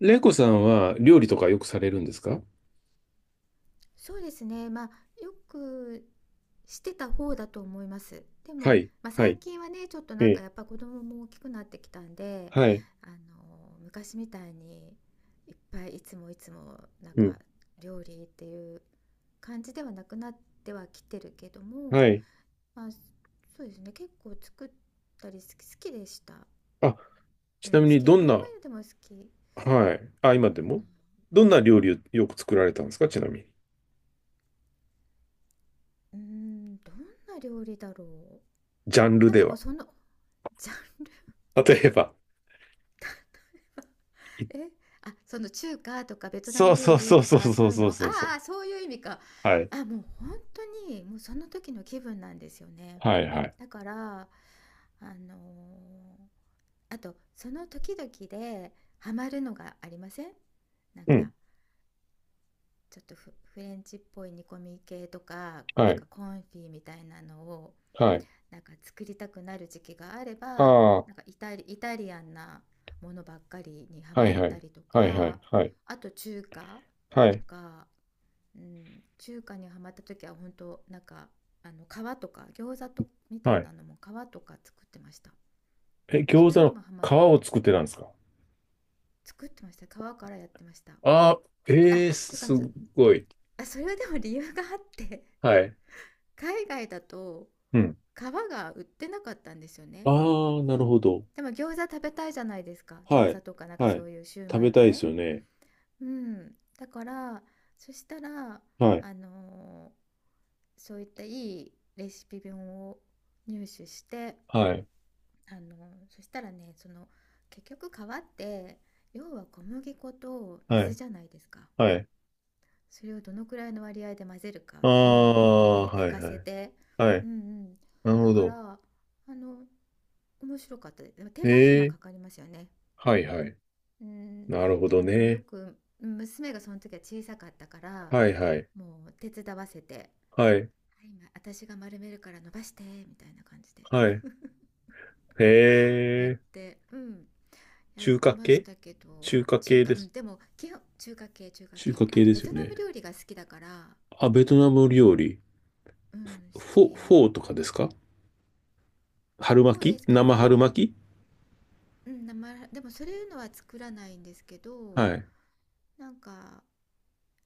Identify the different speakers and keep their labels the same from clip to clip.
Speaker 1: レイコさんは料理とかよくされるんですか？
Speaker 2: そうですね。まあ、よくしてた方だと思います。で
Speaker 1: は
Speaker 2: も、
Speaker 1: い、
Speaker 2: まあ、
Speaker 1: は
Speaker 2: 最
Speaker 1: い。
Speaker 2: 近はね、ちょっと
Speaker 1: え
Speaker 2: なんか
Speaker 1: え。
Speaker 2: やっぱ子供も大きくなってきたんで、
Speaker 1: はい。
Speaker 2: あの、昔みたいにいっぱいいつもいつもなん
Speaker 1: うん。
Speaker 2: か料理っていう感じではなくなってはきてるけども、
Speaker 1: はい。
Speaker 2: まあ、そうですね。結構作ったり好きでした。
Speaker 1: あ、ち
Speaker 2: う
Speaker 1: な
Speaker 2: ん、
Speaker 1: み
Speaker 2: 好
Speaker 1: に
Speaker 2: き。
Speaker 1: どん
Speaker 2: あ、今
Speaker 1: な、
Speaker 2: でも好き。
Speaker 1: はい。あ、
Speaker 2: どん
Speaker 1: 今
Speaker 2: な、
Speaker 1: でも。どんな料理をよく作られたんですか、ちなみに？
Speaker 2: どんな料理だろう。
Speaker 1: ジャンル
Speaker 2: なん
Speaker 1: で
Speaker 2: かもう
Speaker 1: は？
Speaker 2: その、ジャン
Speaker 1: 例えば？い
Speaker 2: え、あ、その中華とかベトナ
Speaker 1: そ
Speaker 2: ム
Speaker 1: うそ
Speaker 2: 料
Speaker 1: う
Speaker 2: 理
Speaker 1: そう
Speaker 2: と
Speaker 1: そう
Speaker 2: か
Speaker 1: そ
Speaker 2: そ
Speaker 1: う
Speaker 2: ういう
Speaker 1: そ
Speaker 2: の、
Speaker 1: う
Speaker 2: あ
Speaker 1: そうそう。
Speaker 2: あ、そういう意味か。
Speaker 1: はい。
Speaker 2: あ、もう本当にもうその時の気分なんですよね。
Speaker 1: はいはい。
Speaker 2: だから、あのーあとその時々でハマるのがありません、なん
Speaker 1: う
Speaker 2: か
Speaker 1: ん、
Speaker 2: ちょっとフレンチっぽい煮込み系とか、
Speaker 1: は
Speaker 2: なん
Speaker 1: い、
Speaker 2: かコンフィみたいなのを
Speaker 1: はい。
Speaker 2: なんか作りたくなる時期があれ
Speaker 1: あ
Speaker 2: ば、
Speaker 1: あ、は
Speaker 2: なんかイタリアンなものばっかりにハ
Speaker 1: いは
Speaker 2: マ
Speaker 1: い、
Speaker 2: っ
Speaker 1: は
Speaker 2: た
Speaker 1: い
Speaker 2: りと
Speaker 1: は
Speaker 2: か、
Speaker 1: い、はい、
Speaker 2: あと中華
Speaker 1: は
Speaker 2: と
Speaker 1: い、
Speaker 2: か、うん、中華にハマった時は本当なんか、あの皮とか餃子とみた
Speaker 1: は
Speaker 2: い
Speaker 1: い。
Speaker 2: なのも皮とか作ってました。も
Speaker 1: え、
Speaker 2: うそ
Speaker 1: 餃子
Speaker 2: れに
Speaker 1: の
Speaker 2: もハマっ
Speaker 1: 皮を
Speaker 2: て
Speaker 1: 作ってたんですか？
Speaker 2: 作ってました、皮からやってました。
Speaker 1: ああー、
Speaker 2: あ、
Speaker 1: ええ、
Speaker 2: というか、
Speaker 1: すごい。
Speaker 2: あ、それはでも理由があって、
Speaker 1: はい。
Speaker 2: 海外だと
Speaker 1: うん。
Speaker 2: 皮が売ってなかったんですよね。
Speaker 1: ああ、なるほど。
Speaker 2: でも餃子食べたいじゃないですか。
Speaker 1: は
Speaker 2: 餃
Speaker 1: い。
Speaker 2: 子とかなんか
Speaker 1: は
Speaker 2: そ
Speaker 1: い。
Speaker 2: ういうシュー
Speaker 1: 食
Speaker 2: マ
Speaker 1: べ
Speaker 2: イ
Speaker 1: たいです
Speaker 2: 系。
Speaker 1: よね。
Speaker 2: うん。だから、そしたら、
Speaker 1: はい。
Speaker 2: あのーそういったいいレシピ本を入手して、
Speaker 1: はい、
Speaker 2: そしたらね、その、結局皮って、要は小麦粉と
Speaker 1: は
Speaker 2: 水
Speaker 1: い、
Speaker 2: じゃないですか。
Speaker 1: はい。
Speaker 2: それをどのくらいの割合で混ぜるか、
Speaker 1: あ
Speaker 2: どういうふうに
Speaker 1: あ、
Speaker 2: ね、寝
Speaker 1: はい、
Speaker 2: か
Speaker 1: は
Speaker 2: せ
Speaker 1: い、
Speaker 2: て。
Speaker 1: は
Speaker 2: う
Speaker 1: い。
Speaker 2: んうん。
Speaker 1: なる
Speaker 2: だ
Speaker 1: ほ
Speaker 2: か
Speaker 1: ど。
Speaker 2: ら、あの、面白かったです。でも手
Speaker 1: え
Speaker 2: 間暇
Speaker 1: え、
Speaker 2: かかりますよね。
Speaker 1: はい、はい。
Speaker 2: うん、
Speaker 1: なるほ
Speaker 2: で
Speaker 1: ど
Speaker 2: もよ
Speaker 1: ね。
Speaker 2: く娘がその時は小さかったから、
Speaker 1: はい、はい、
Speaker 2: もう手伝わせて「はい、
Speaker 1: はい、
Speaker 2: 今私が丸めるから伸ばして」みたいな感じで
Speaker 1: はい。へ
Speaker 2: やっ
Speaker 1: え、
Speaker 2: て、うん、やっ
Speaker 1: 中
Speaker 2: て
Speaker 1: 華
Speaker 2: まし
Speaker 1: 系、
Speaker 2: たけど。
Speaker 1: 中華
Speaker 2: 中
Speaker 1: 系
Speaker 2: 華、
Speaker 1: で
Speaker 2: うん、
Speaker 1: す。
Speaker 2: でも基本中華系、中華
Speaker 1: 中華
Speaker 2: 系、あ
Speaker 1: 系
Speaker 2: と
Speaker 1: で
Speaker 2: ベ
Speaker 1: す
Speaker 2: ト
Speaker 1: よ
Speaker 2: ナム
Speaker 1: ね。
Speaker 2: 料理が好きだから、
Speaker 1: あ、ベトナム
Speaker 2: え、
Speaker 1: 料理。
Speaker 2: うん、好
Speaker 1: フ
Speaker 2: き。
Speaker 1: ォーとかですか？春
Speaker 2: フォー
Speaker 1: 巻
Speaker 2: で
Speaker 1: き、
Speaker 2: すけど、
Speaker 1: 生
Speaker 2: フ
Speaker 1: 春
Speaker 2: ォー、
Speaker 1: 巻き。
Speaker 2: うん、生でもそういうのは作らないんですけど、
Speaker 1: はい。
Speaker 2: なんか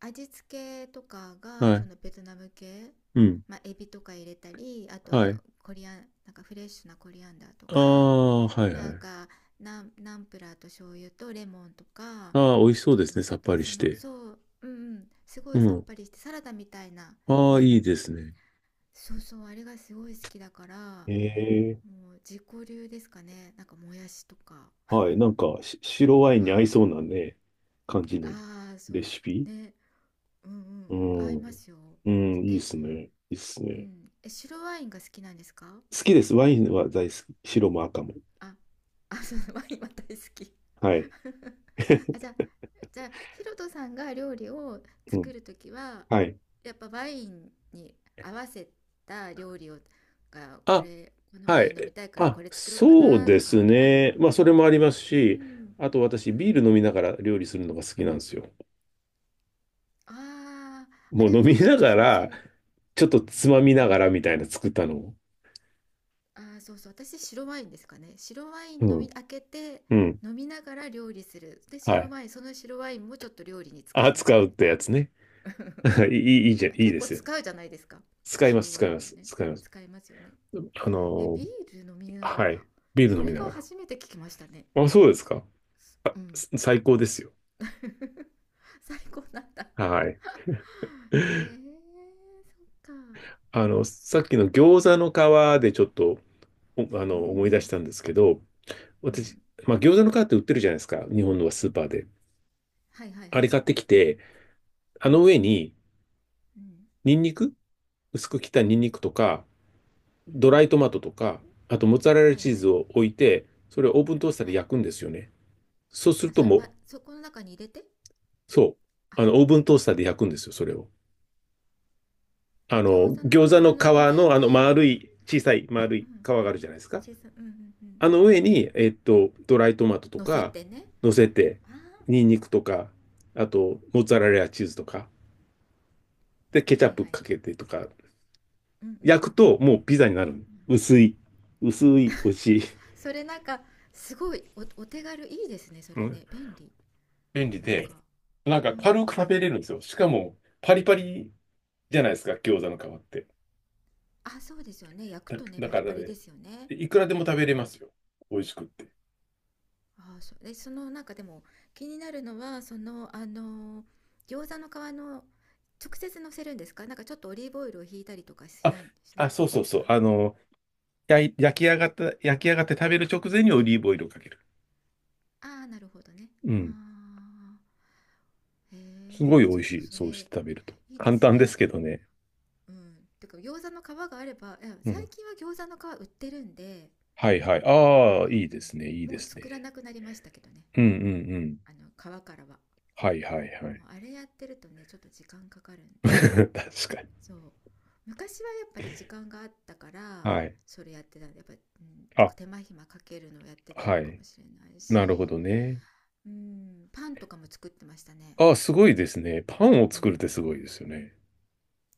Speaker 2: 味付けとかが
Speaker 1: は
Speaker 2: そ
Speaker 1: い。
Speaker 2: のベトナム系、
Speaker 1: うん。
Speaker 2: まあ、エビとか入れたり、あと
Speaker 1: はい。
Speaker 2: コリアン、なんかフレッシュなコリアンダーと
Speaker 1: あ
Speaker 2: か、
Speaker 1: あ、はい
Speaker 2: な
Speaker 1: は
Speaker 2: ん
Speaker 1: い。
Speaker 2: かナンプラーと醤油とレモンとか、
Speaker 1: ああ、美
Speaker 2: お、ち
Speaker 1: 味しそう
Speaker 2: ょっ
Speaker 1: で
Speaker 2: と
Speaker 1: す
Speaker 2: お
Speaker 1: ね。さ
Speaker 2: 砂
Speaker 1: っ
Speaker 2: 糖、
Speaker 1: ぱり
Speaker 2: そ
Speaker 1: し
Speaker 2: の、
Speaker 1: て。
Speaker 2: そう、うんうん、すご
Speaker 1: う
Speaker 2: いさっ
Speaker 1: ん。
Speaker 2: ぱりしてサラダみたいな
Speaker 1: ああ、いい
Speaker 2: 麺、
Speaker 1: ですね。
Speaker 2: そうそう、あれがすごい好きだから、
Speaker 1: ええ。
Speaker 2: もう自己流ですかね、なんかもやしとか。
Speaker 1: はい。なんか、白ワインに合いそうなね、感じの
Speaker 2: ああー、そ
Speaker 1: レシピ。
Speaker 2: うね、うんう
Speaker 1: う
Speaker 2: んうん、合い
Speaker 1: ん。
Speaker 2: ますよ。
Speaker 1: うん、いいっ
Speaker 2: え、
Speaker 1: すね。いいっす
Speaker 2: う
Speaker 1: ね。
Speaker 2: ん。え、白ワインが好きなんですか。
Speaker 1: 好きです。ワインは大好き。白も赤も。
Speaker 2: あ、あ、そう、ワインは大好き。
Speaker 1: はい。
Speaker 2: あ、じゃあ、じゃあ、ヒロトさんが料理を
Speaker 1: う
Speaker 2: 作
Speaker 1: ん。
Speaker 2: るときは、
Speaker 1: はい。
Speaker 2: やっぱワインに合わせた料理を、が、こ
Speaker 1: あ、
Speaker 2: れ、このワ
Speaker 1: は
Speaker 2: イン飲み
Speaker 1: い。
Speaker 2: たいからこ
Speaker 1: あ、
Speaker 2: れ作ろうか
Speaker 1: そう
Speaker 2: なと
Speaker 1: です
Speaker 2: か、ある。
Speaker 1: ね。まあ、それもあります
Speaker 2: う
Speaker 1: し、
Speaker 2: ん。
Speaker 1: あと
Speaker 2: う
Speaker 1: 私、ビ
Speaker 2: ん。
Speaker 1: ール飲みながら料理するのが好きなんですよ。
Speaker 2: ああ、あ、
Speaker 1: もう
Speaker 2: で
Speaker 1: 飲
Speaker 2: もわ
Speaker 1: み
Speaker 2: かる。
Speaker 1: なが
Speaker 2: 私もそ
Speaker 1: ら、
Speaker 2: の、
Speaker 1: ちょっとつまみ
Speaker 2: う
Speaker 1: なが
Speaker 2: ん。
Speaker 1: らみたいな作ったのを。
Speaker 2: ああ、そうそう。私、白ワインですかね。白ワイ
Speaker 1: う
Speaker 2: ン飲み、
Speaker 1: ん
Speaker 2: 開けて、
Speaker 1: うん。
Speaker 2: 飲みながら料理する。で、
Speaker 1: は
Speaker 2: 白
Speaker 1: い。
Speaker 2: ワイン、その白ワインもちょっと料理に使
Speaker 1: あ、
Speaker 2: いなが
Speaker 1: 使う
Speaker 2: ら
Speaker 1: っ
Speaker 2: み
Speaker 1: てやつ
Speaker 2: た
Speaker 1: ね。
Speaker 2: い な。
Speaker 1: いい、いい、いいじゃん。いい
Speaker 2: 結
Speaker 1: で
Speaker 2: 構
Speaker 1: すよ。
Speaker 2: 使うじゃないですか。
Speaker 1: 使いま
Speaker 2: 白
Speaker 1: す、
Speaker 2: ワ
Speaker 1: 使い
Speaker 2: イ
Speaker 1: ま
Speaker 2: ンは
Speaker 1: す、
Speaker 2: ね。
Speaker 1: 使います。
Speaker 2: 使いますよね。
Speaker 1: あ
Speaker 2: え、
Speaker 1: のー
Speaker 2: ビール飲みなが
Speaker 1: は
Speaker 2: ら。
Speaker 1: い。ビール
Speaker 2: そ
Speaker 1: 飲み
Speaker 2: れ
Speaker 1: な
Speaker 2: は
Speaker 1: がら。
Speaker 2: 初めて聞きましたね。
Speaker 1: あ、そうですか。
Speaker 2: うん。
Speaker 1: 最高ですよ。
Speaker 2: 最高なんだ。
Speaker 1: はい。
Speaker 2: へえ、そっか。
Speaker 1: あの、さっきの餃子の皮でちょっと、おあ
Speaker 2: う
Speaker 1: の、思い出し
Speaker 2: ん。
Speaker 1: たんですけど、
Speaker 2: う
Speaker 1: 私、
Speaker 2: ん。
Speaker 1: まあ、餃子の皮って売ってるじゃないですか。日本のスーパーで。
Speaker 2: はいはい
Speaker 1: あれ
Speaker 2: は
Speaker 1: 買
Speaker 2: い。
Speaker 1: ってきて、あ
Speaker 2: う
Speaker 1: の上
Speaker 2: ん。
Speaker 1: に、
Speaker 2: うん。
Speaker 1: ニンニク薄く切った
Speaker 2: う
Speaker 1: ニン
Speaker 2: ん。
Speaker 1: ニクとか、
Speaker 2: う
Speaker 1: ドラ
Speaker 2: ん。
Speaker 1: イトマトとか、あとモッツァレラ
Speaker 2: はい
Speaker 1: チー
Speaker 2: は
Speaker 1: ズ
Speaker 2: い。
Speaker 1: を置いて、それをオーブントースターで
Speaker 2: はい。
Speaker 1: 焼くんですよね。そうする
Speaker 2: あ、
Speaker 1: と
Speaker 2: それ、
Speaker 1: もう、
Speaker 2: ま、そこの中に入れて、
Speaker 1: そう、
Speaker 2: あ、
Speaker 1: オーブントースターで焼くんですよ、それを。
Speaker 2: え、
Speaker 1: あ
Speaker 2: 餃
Speaker 1: の、
Speaker 2: 子の皮
Speaker 1: 餃子の皮
Speaker 2: の上
Speaker 1: の、
Speaker 2: に、
Speaker 1: 丸い、小さい丸
Speaker 2: う
Speaker 1: い皮
Speaker 2: ん、
Speaker 1: があるじゃないですか。
Speaker 2: 小さ、うんうん、うん、
Speaker 1: あの上に、ドライトマトと
Speaker 2: 乗せ
Speaker 1: か
Speaker 2: てね、
Speaker 1: 乗せて、
Speaker 2: ああ、
Speaker 1: ニンニクとか、あと、モッツァレラチーズとか、で、ケチャ
Speaker 2: は
Speaker 1: ッ
Speaker 2: い
Speaker 1: プ
Speaker 2: はい、
Speaker 1: かけてとか、
Speaker 2: うんうん
Speaker 1: 焼
Speaker 2: う
Speaker 1: く
Speaker 2: ん
Speaker 1: ともうピザになる。
Speaker 2: うん、
Speaker 1: 薄い、薄い、美味しい。
Speaker 2: それなんかすごい、お、お手軽いいですね、そ
Speaker 1: う
Speaker 2: れ
Speaker 1: ん、
Speaker 2: ね、便利。
Speaker 1: 便利
Speaker 2: なん
Speaker 1: で、
Speaker 2: か、
Speaker 1: なん
Speaker 2: う
Speaker 1: か軽く食
Speaker 2: ん、
Speaker 1: べれるんですよ。しかも、パリパリじゃないですか、餃子の皮って。
Speaker 2: あ、そうですよね、焼くとね
Speaker 1: だ
Speaker 2: パ
Speaker 1: か
Speaker 2: リ
Speaker 1: ら
Speaker 2: パリで
Speaker 1: ね、
Speaker 2: すよね。
Speaker 1: でいくらでも食べれますよ。美味しくって。
Speaker 2: あ、そうで、そのなんかでも気になるのは、そのあの餃子の皮の、直接乗せるんですか、なんかちょっとオリーブオイルをひいたりとかし
Speaker 1: あ、
Speaker 2: ない、しな
Speaker 1: あ、
Speaker 2: くて
Speaker 1: そう
Speaker 2: いいん
Speaker 1: そ
Speaker 2: で
Speaker 1: う
Speaker 2: す
Speaker 1: そ
Speaker 2: か。
Speaker 1: う。焼き上がって食べる直前にオリーブオイルをかける。
Speaker 2: ああ、なるほどね。
Speaker 1: うん。
Speaker 2: ああ、へ
Speaker 1: すご
Speaker 2: え、
Speaker 1: い美
Speaker 2: ち
Speaker 1: 味
Speaker 2: ょっ
Speaker 1: し
Speaker 2: と
Speaker 1: い。
Speaker 2: そ
Speaker 1: そうして
Speaker 2: れ、
Speaker 1: 食べると。
Speaker 2: いいで
Speaker 1: 簡
Speaker 2: す
Speaker 1: 単で
Speaker 2: ね。
Speaker 1: すけどね。
Speaker 2: うん。てか、餃子の皮があれば、いや
Speaker 1: う
Speaker 2: 最
Speaker 1: ん。
Speaker 2: 近は餃子の皮売ってるんで、
Speaker 1: はいはい。
Speaker 2: あ
Speaker 1: ああ、
Speaker 2: のー
Speaker 1: いいですね。いい
Speaker 2: も
Speaker 1: で
Speaker 2: う
Speaker 1: す
Speaker 2: 作ら
Speaker 1: ね。
Speaker 2: なくなりましたけどね。
Speaker 1: うんうんうん。
Speaker 2: あの、皮からは。
Speaker 1: はいはいはい。
Speaker 2: もうあれやってるとね、ちょっと時間かかるん で、
Speaker 1: 確かに。
Speaker 2: そう。昔はやっぱり時間があったから、
Speaker 1: はい。
Speaker 2: それやってたんで、やっぱ、うん、
Speaker 1: あ、
Speaker 2: 手間暇かけるのをやってたの
Speaker 1: は
Speaker 2: か
Speaker 1: い。
Speaker 2: もしれない
Speaker 1: なるほ
Speaker 2: し、
Speaker 1: どね。
Speaker 2: うん、パンとかも作ってましたね。
Speaker 1: ああ、すごいですね。パンを
Speaker 2: う
Speaker 1: 作るって
Speaker 2: ん。
Speaker 1: すごいですよね。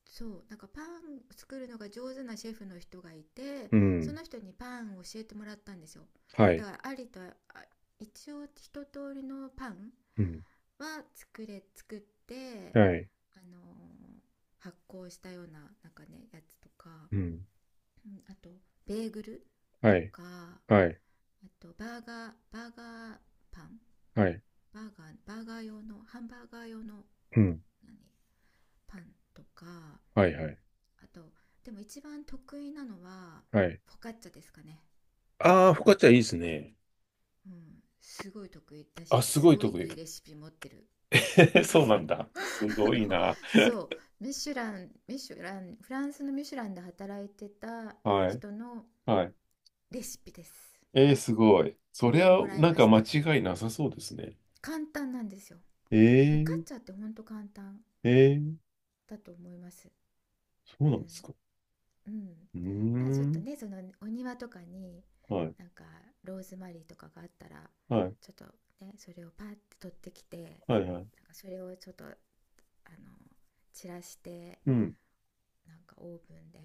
Speaker 2: そう、なんかパン作るのが上手なシェフの人がいて、
Speaker 1: う
Speaker 2: そ
Speaker 1: ん。
Speaker 2: の人にパンを教えてもらったんですよ。
Speaker 1: は
Speaker 2: だ
Speaker 1: い。
Speaker 2: から、ありとあ一応一通りのパン
Speaker 1: うん。
Speaker 2: は作って、
Speaker 1: はい。
Speaker 2: あのー発酵したようななんかねやつとか、
Speaker 1: うん。
Speaker 2: うん、あとベーグル
Speaker 1: は
Speaker 2: と
Speaker 1: い。
Speaker 2: か、あ
Speaker 1: はい。
Speaker 2: とパン
Speaker 1: はい。
Speaker 2: バーガーバーガー用のハンバーガー用の
Speaker 1: うん。
Speaker 2: 何パンとか、
Speaker 1: はいはい。
Speaker 2: あとでも一番得意なのは
Speaker 1: はい。
Speaker 2: フォカッチャですかね、
Speaker 1: ああ、フォカッチャいいですね。
Speaker 2: うん、すごい得意だ
Speaker 1: あ、
Speaker 2: し
Speaker 1: す
Speaker 2: す
Speaker 1: ごい
Speaker 2: ごい
Speaker 1: 得意。
Speaker 2: いいレシピ持ってる。
Speaker 1: そうな
Speaker 2: そ
Speaker 1: んだ。
Speaker 2: う。
Speaker 1: す
Speaker 2: あ
Speaker 1: ごい
Speaker 2: の、
Speaker 1: な。
Speaker 2: そう、ミシュラン、フランスのミシュランで働いてた
Speaker 1: はい。
Speaker 2: 人の
Speaker 1: はい。
Speaker 2: レシピです、
Speaker 1: えー、すごい。そ
Speaker 2: そ
Speaker 1: り
Speaker 2: れを
Speaker 1: ゃ、
Speaker 2: もらい
Speaker 1: なん
Speaker 2: ま
Speaker 1: か
Speaker 2: し
Speaker 1: 間
Speaker 2: た。
Speaker 1: 違いなさそうですね。
Speaker 2: 簡単なんですよ、
Speaker 1: え
Speaker 2: フォカッ
Speaker 1: ー、
Speaker 2: チャってほんと簡単
Speaker 1: えー、
Speaker 2: だと思います、
Speaker 1: そう
Speaker 2: うん、
Speaker 1: なんですか。
Speaker 2: うん、
Speaker 1: うー
Speaker 2: なんかちょっと
Speaker 1: ん。
Speaker 2: ね、そのお庭とかに
Speaker 1: はい。
Speaker 2: なんかローズマリーとかがあったら、
Speaker 1: はい。
Speaker 2: ちょっとね、それをパッて取ってきて、なんか
Speaker 1: はい。はい。
Speaker 2: それをちょっとあの散らして、
Speaker 1: うん。
Speaker 2: なんかオーブンで、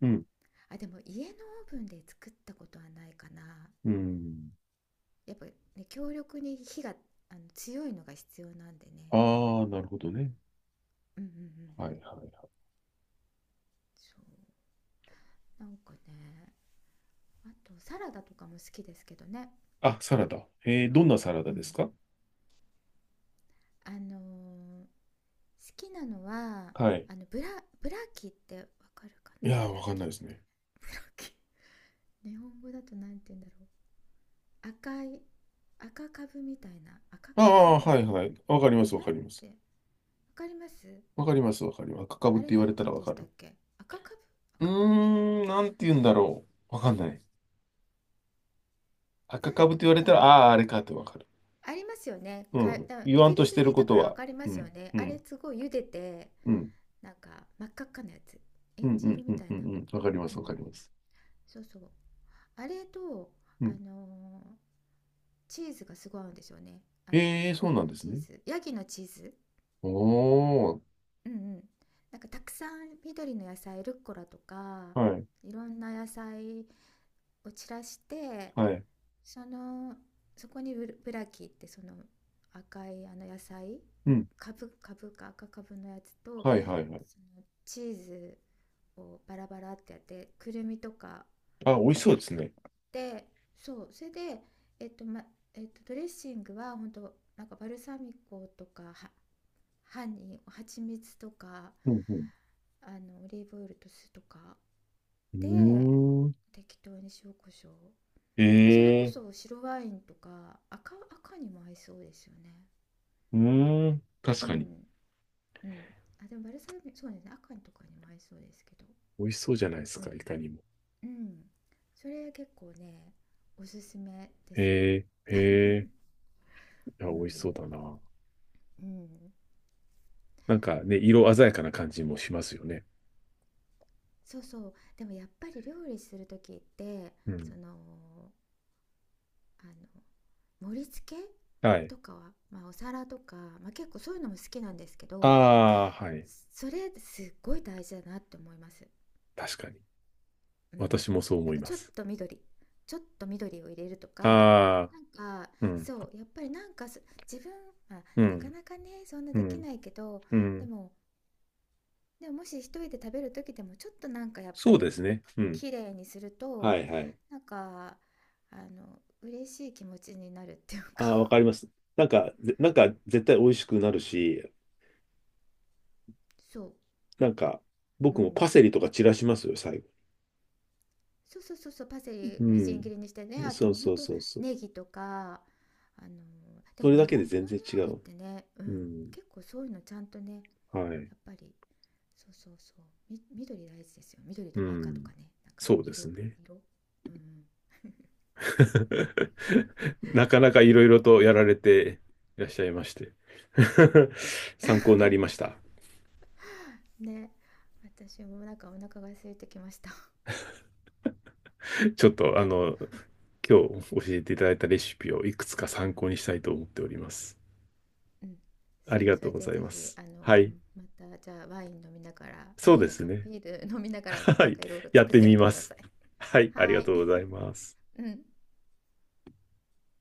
Speaker 1: うん。
Speaker 2: あ、でも家のオーブンで作ったことはないかな、
Speaker 1: うん。
Speaker 2: やっぱね、強力に火が、あの強いのが必要なんでね。
Speaker 1: ああ、なるほどね。
Speaker 2: うんうんうんう
Speaker 1: はい。
Speaker 2: ん、
Speaker 1: はい。
Speaker 2: そう、なんかね、あとサラダとかも好きですけどね。
Speaker 1: あ、サラダ。えー、どんなサラ
Speaker 2: う
Speaker 1: ダで
Speaker 2: ん、
Speaker 1: すか？
Speaker 2: あのーきなのは、
Speaker 1: はい。
Speaker 2: あのブラキってわかるか
Speaker 1: い
Speaker 2: な、
Speaker 1: やー、
Speaker 2: ブラ
Speaker 1: わかんな
Speaker 2: キっ
Speaker 1: いです
Speaker 2: て、
Speaker 1: ね。
Speaker 2: ブラキ。 日本語だとなんて言うんだろう、赤い赤株みたいな、赤
Speaker 1: あ
Speaker 2: 株じゃ
Speaker 1: あ、
Speaker 2: ない
Speaker 1: はい。
Speaker 2: か、
Speaker 1: はい。わかり
Speaker 2: あ
Speaker 1: ま
Speaker 2: れ
Speaker 1: す。わ
Speaker 2: な
Speaker 1: か
Speaker 2: ん
Speaker 1: ります。
Speaker 2: て、わかります、
Speaker 1: わかります。わかります。赤かぶっ
Speaker 2: あ
Speaker 1: て
Speaker 2: れ
Speaker 1: 言わ
Speaker 2: なん
Speaker 1: れ
Speaker 2: て
Speaker 1: た
Speaker 2: 言う
Speaker 1: ら
Speaker 2: ん
Speaker 1: わ
Speaker 2: で
Speaker 1: か
Speaker 2: したっ
Speaker 1: る。
Speaker 2: け、赤株、
Speaker 1: う
Speaker 2: 赤株、
Speaker 1: ーん、なんて言うんだろう。わかんない。
Speaker 2: な
Speaker 1: 赤
Speaker 2: ん
Speaker 1: 株と言わ
Speaker 2: なん
Speaker 1: れ
Speaker 2: だ
Speaker 1: た
Speaker 2: ろ
Speaker 1: ら、
Speaker 2: う。
Speaker 1: ああ、あれかってわかる。
Speaker 2: ありますよね、
Speaker 1: う
Speaker 2: か
Speaker 1: ん。
Speaker 2: だ
Speaker 1: 言
Speaker 2: イ
Speaker 1: わん
Speaker 2: ギ
Speaker 1: と
Speaker 2: リ
Speaker 1: し
Speaker 2: ス
Speaker 1: て
Speaker 2: に
Speaker 1: る
Speaker 2: い
Speaker 1: こ
Speaker 2: たか
Speaker 1: と
Speaker 2: らわ
Speaker 1: は。
Speaker 2: かりま
Speaker 1: う
Speaker 2: すよ
Speaker 1: ん、
Speaker 2: ね、
Speaker 1: う
Speaker 2: あれ
Speaker 1: ん、
Speaker 2: すごい茹でて、
Speaker 1: うん、
Speaker 2: なんか真っ赤っかなやつ、え
Speaker 1: うん、
Speaker 2: ん
Speaker 1: う
Speaker 2: じ色
Speaker 1: ん、う
Speaker 2: み
Speaker 1: ん、
Speaker 2: たい
Speaker 1: うん、
Speaker 2: な、
Speaker 1: うん、わかりま
Speaker 2: う
Speaker 1: す、
Speaker 2: んう
Speaker 1: わか
Speaker 2: ん、
Speaker 1: ります。
Speaker 2: そうそう、あれと、
Speaker 1: う
Speaker 2: あ
Speaker 1: ん。
Speaker 2: のチーズがすごい合うんですよね、あ
Speaker 1: ええ、
Speaker 2: の
Speaker 1: そう
Speaker 2: あ
Speaker 1: なん
Speaker 2: の
Speaker 1: です
Speaker 2: チー
Speaker 1: ね。
Speaker 2: ズ、ヤギのチーズ、
Speaker 1: おー、
Speaker 2: うんうん、なんかたくさん緑の野菜、ルッコラとか
Speaker 1: はい、
Speaker 2: いろんな野菜を散らして、
Speaker 1: はい。
Speaker 2: その、そこにブラキってその赤いあの野菜、
Speaker 1: うん、
Speaker 2: カブかブか赤カブのやつと、
Speaker 1: はい、はい、はい。
Speaker 2: そのチーズをバラバラってやって、くるみとか
Speaker 1: あ、美味しそうです
Speaker 2: やっ
Speaker 1: ね。
Speaker 2: て、そう、それで、えっとまえっと、ドレッシングは本当なんかバルサミコとかは、ハニー蜂蜜とか、
Speaker 1: うん、う
Speaker 2: あのオリーブオイルと酢とかで
Speaker 1: ん。うーん。
Speaker 2: 適当に塩コショウ、
Speaker 1: え
Speaker 2: あ、それこ
Speaker 1: え、
Speaker 2: そ白ワインとか、赤にも合いそうですよね。
Speaker 1: うーん。確
Speaker 2: う
Speaker 1: かに。
Speaker 2: んうん、あ、でもバルサミコそうですね、赤とかにも合いそうですけど、
Speaker 1: 美味しそうじゃないです
Speaker 2: う
Speaker 1: か、
Speaker 2: ん
Speaker 1: いかにも。
Speaker 2: うん、それ結構ね、おすすめです。
Speaker 1: ええ、ええ、いや、
Speaker 2: う
Speaker 1: 美味しそう
Speaker 2: ん
Speaker 1: だな。
Speaker 2: うん、
Speaker 1: なんかね、色鮮やかな感じもしますよね。
Speaker 2: そうそう、でもやっぱり料理する時って、
Speaker 1: う
Speaker 2: そ
Speaker 1: ん。
Speaker 2: の、あの盛り付け
Speaker 1: はい。
Speaker 2: とかは、まあ、お皿とか、まあ、結構そういうのも好きなんですけ
Speaker 1: あ
Speaker 2: ど、
Speaker 1: あ、はい。
Speaker 2: それすっごい大事だなって思います。
Speaker 1: 確かに。
Speaker 2: うん、
Speaker 1: 私もそう
Speaker 2: な
Speaker 1: 思
Speaker 2: ん
Speaker 1: い
Speaker 2: か
Speaker 1: ま
Speaker 2: ちょっ
Speaker 1: す。
Speaker 2: と緑、ちょっと緑を入れるとか、
Speaker 1: あ
Speaker 2: なんか
Speaker 1: あ、うん、
Speaker 2: そう、やっぱりなんか自分、まあ、
Speaker 1: う
Speaker 2: なか
Speaker 1: ん、
Speaker 2: なかねそんな
Speaker 1: う
Speaker 2: でき
Speaker 1: ん、
Speaker 2: ないけど、
Speaker 1: う
Speaker 2: で
Speaker 1: ん。
Speaker 2: もでももし一人で食べる時でもちょっとなんかやっぱ
Speaker 1: そう
Speaker 2: り
Speaker 1: ですね。うん。
Speaker 2: きれいにする
Speaker 1: は
Speaker 2: と、
Speaker 1: いはい。
Speaker 2: なんかあの嬉しい気持ちになるっていう
Speaker 1: あ
Speaker 2: か。
Speaker 1: あ、わかります。なんか、なんか絶対美味しくなるし、
Speaker 2: そ
Speaker 1: なんか、
Speaker 2: う、う
Speaker 1: 僕もパ
Speaker 2: ん、
Speaker 1: セリとか散らしますよ、最後。
Speaker 2: そうそうそうそう、パセリ
Speaker 1: う
Speaker 2: みじん切
Speaker 1: ん。
Speaker 2: りにしてね、あと
Speaker 1: そう
Speaker 2: もうほ
Speaker 1: そ
Speaker 2: ん
Speaker 1: う
Speaker 2: と
Speaker 1: そうそう。
Speaker 2: ネギとか、あので
Speaker 1: そ
Speaker 2: も
Speaker 1: れ
Speaker 2: 日
Speaker 1: だ
Speaker 2: 本
Speaker 1: け
Speaker 2: の
Speaker 1: で全然違
Speaker 2: 料理っ
Speaker 1: う。
Speaker 2: てね、う
Speaker 1: う
Speaker 2: ん、
Speaker 1: ん。
Speaker 2: 結構そういうのちゃんとねや
Speaker 1: はい。
Speaker 2: っぱり、そうそうそう、み、緑大事ですよ、緑
Speaker 1: う
Speaker 2: とか赤と
Speaker 1: ん。
Speaker 2: かね、なんか
Speaker 1: そうで
Speaker 2: 色、
Speaker 1: すね。
Speaker 2: 色、うん
Speaker 1: なかなかいろいろとやられていらっしゃいまして 参考になりました。
Speaker 2: うんね、私もなんかお腹が空いてきました。
Speaker 1: ちょっと今日教えていただいたレシピをいくつか参考にしたいと思っております。
Speaker 2: うん、
Speaker 1: あ
Speaker 2: そ
Speaker 1: り
Speaker 2: う、
Speaker 1: が
Speaker 2: そ
Speaker 1: とう
Speaker 2: れ
Speaker 1: ご
Speaker 2: で
Speaker 1: ざい
Speaker 2: ぜ
Speaker 1: ま
Speaker 2: ひ
Speaker 1: す。
Speaker 2: あの、
Speaker 1: は
Speaker 2: う
Speaker 1: い。
Speaker 2: ん、またじゃあワイン飲みながら、あ、
Speaker 1: そう
Speaker 2: ビー
Speaker 1: で
Speaker 2: ル
Speaker 1: す
Speaker 2: か、
Speaker 1: ね。
Speaker 2: ビール飲みな がら
Speaker 1: は
Speaker 2: なん
Speaker 1: い。
Speaker 2: かいろいろ
Speaker 1: やっ
Speaker 2: 作っ
Speaker 1: て
Speaker 2: て
Speaker 1: み
Speaker 2: みて
Speaker 1: ま
Speaker 2: くだ
Speaker 1: す。
Speaker 2: さい。
Speaker 1: はい。あり
Speaker 2: は
Speaker 1: が
Speaker 2: ーい。
Speaker 1: とうございます。
Speaker 2: うん。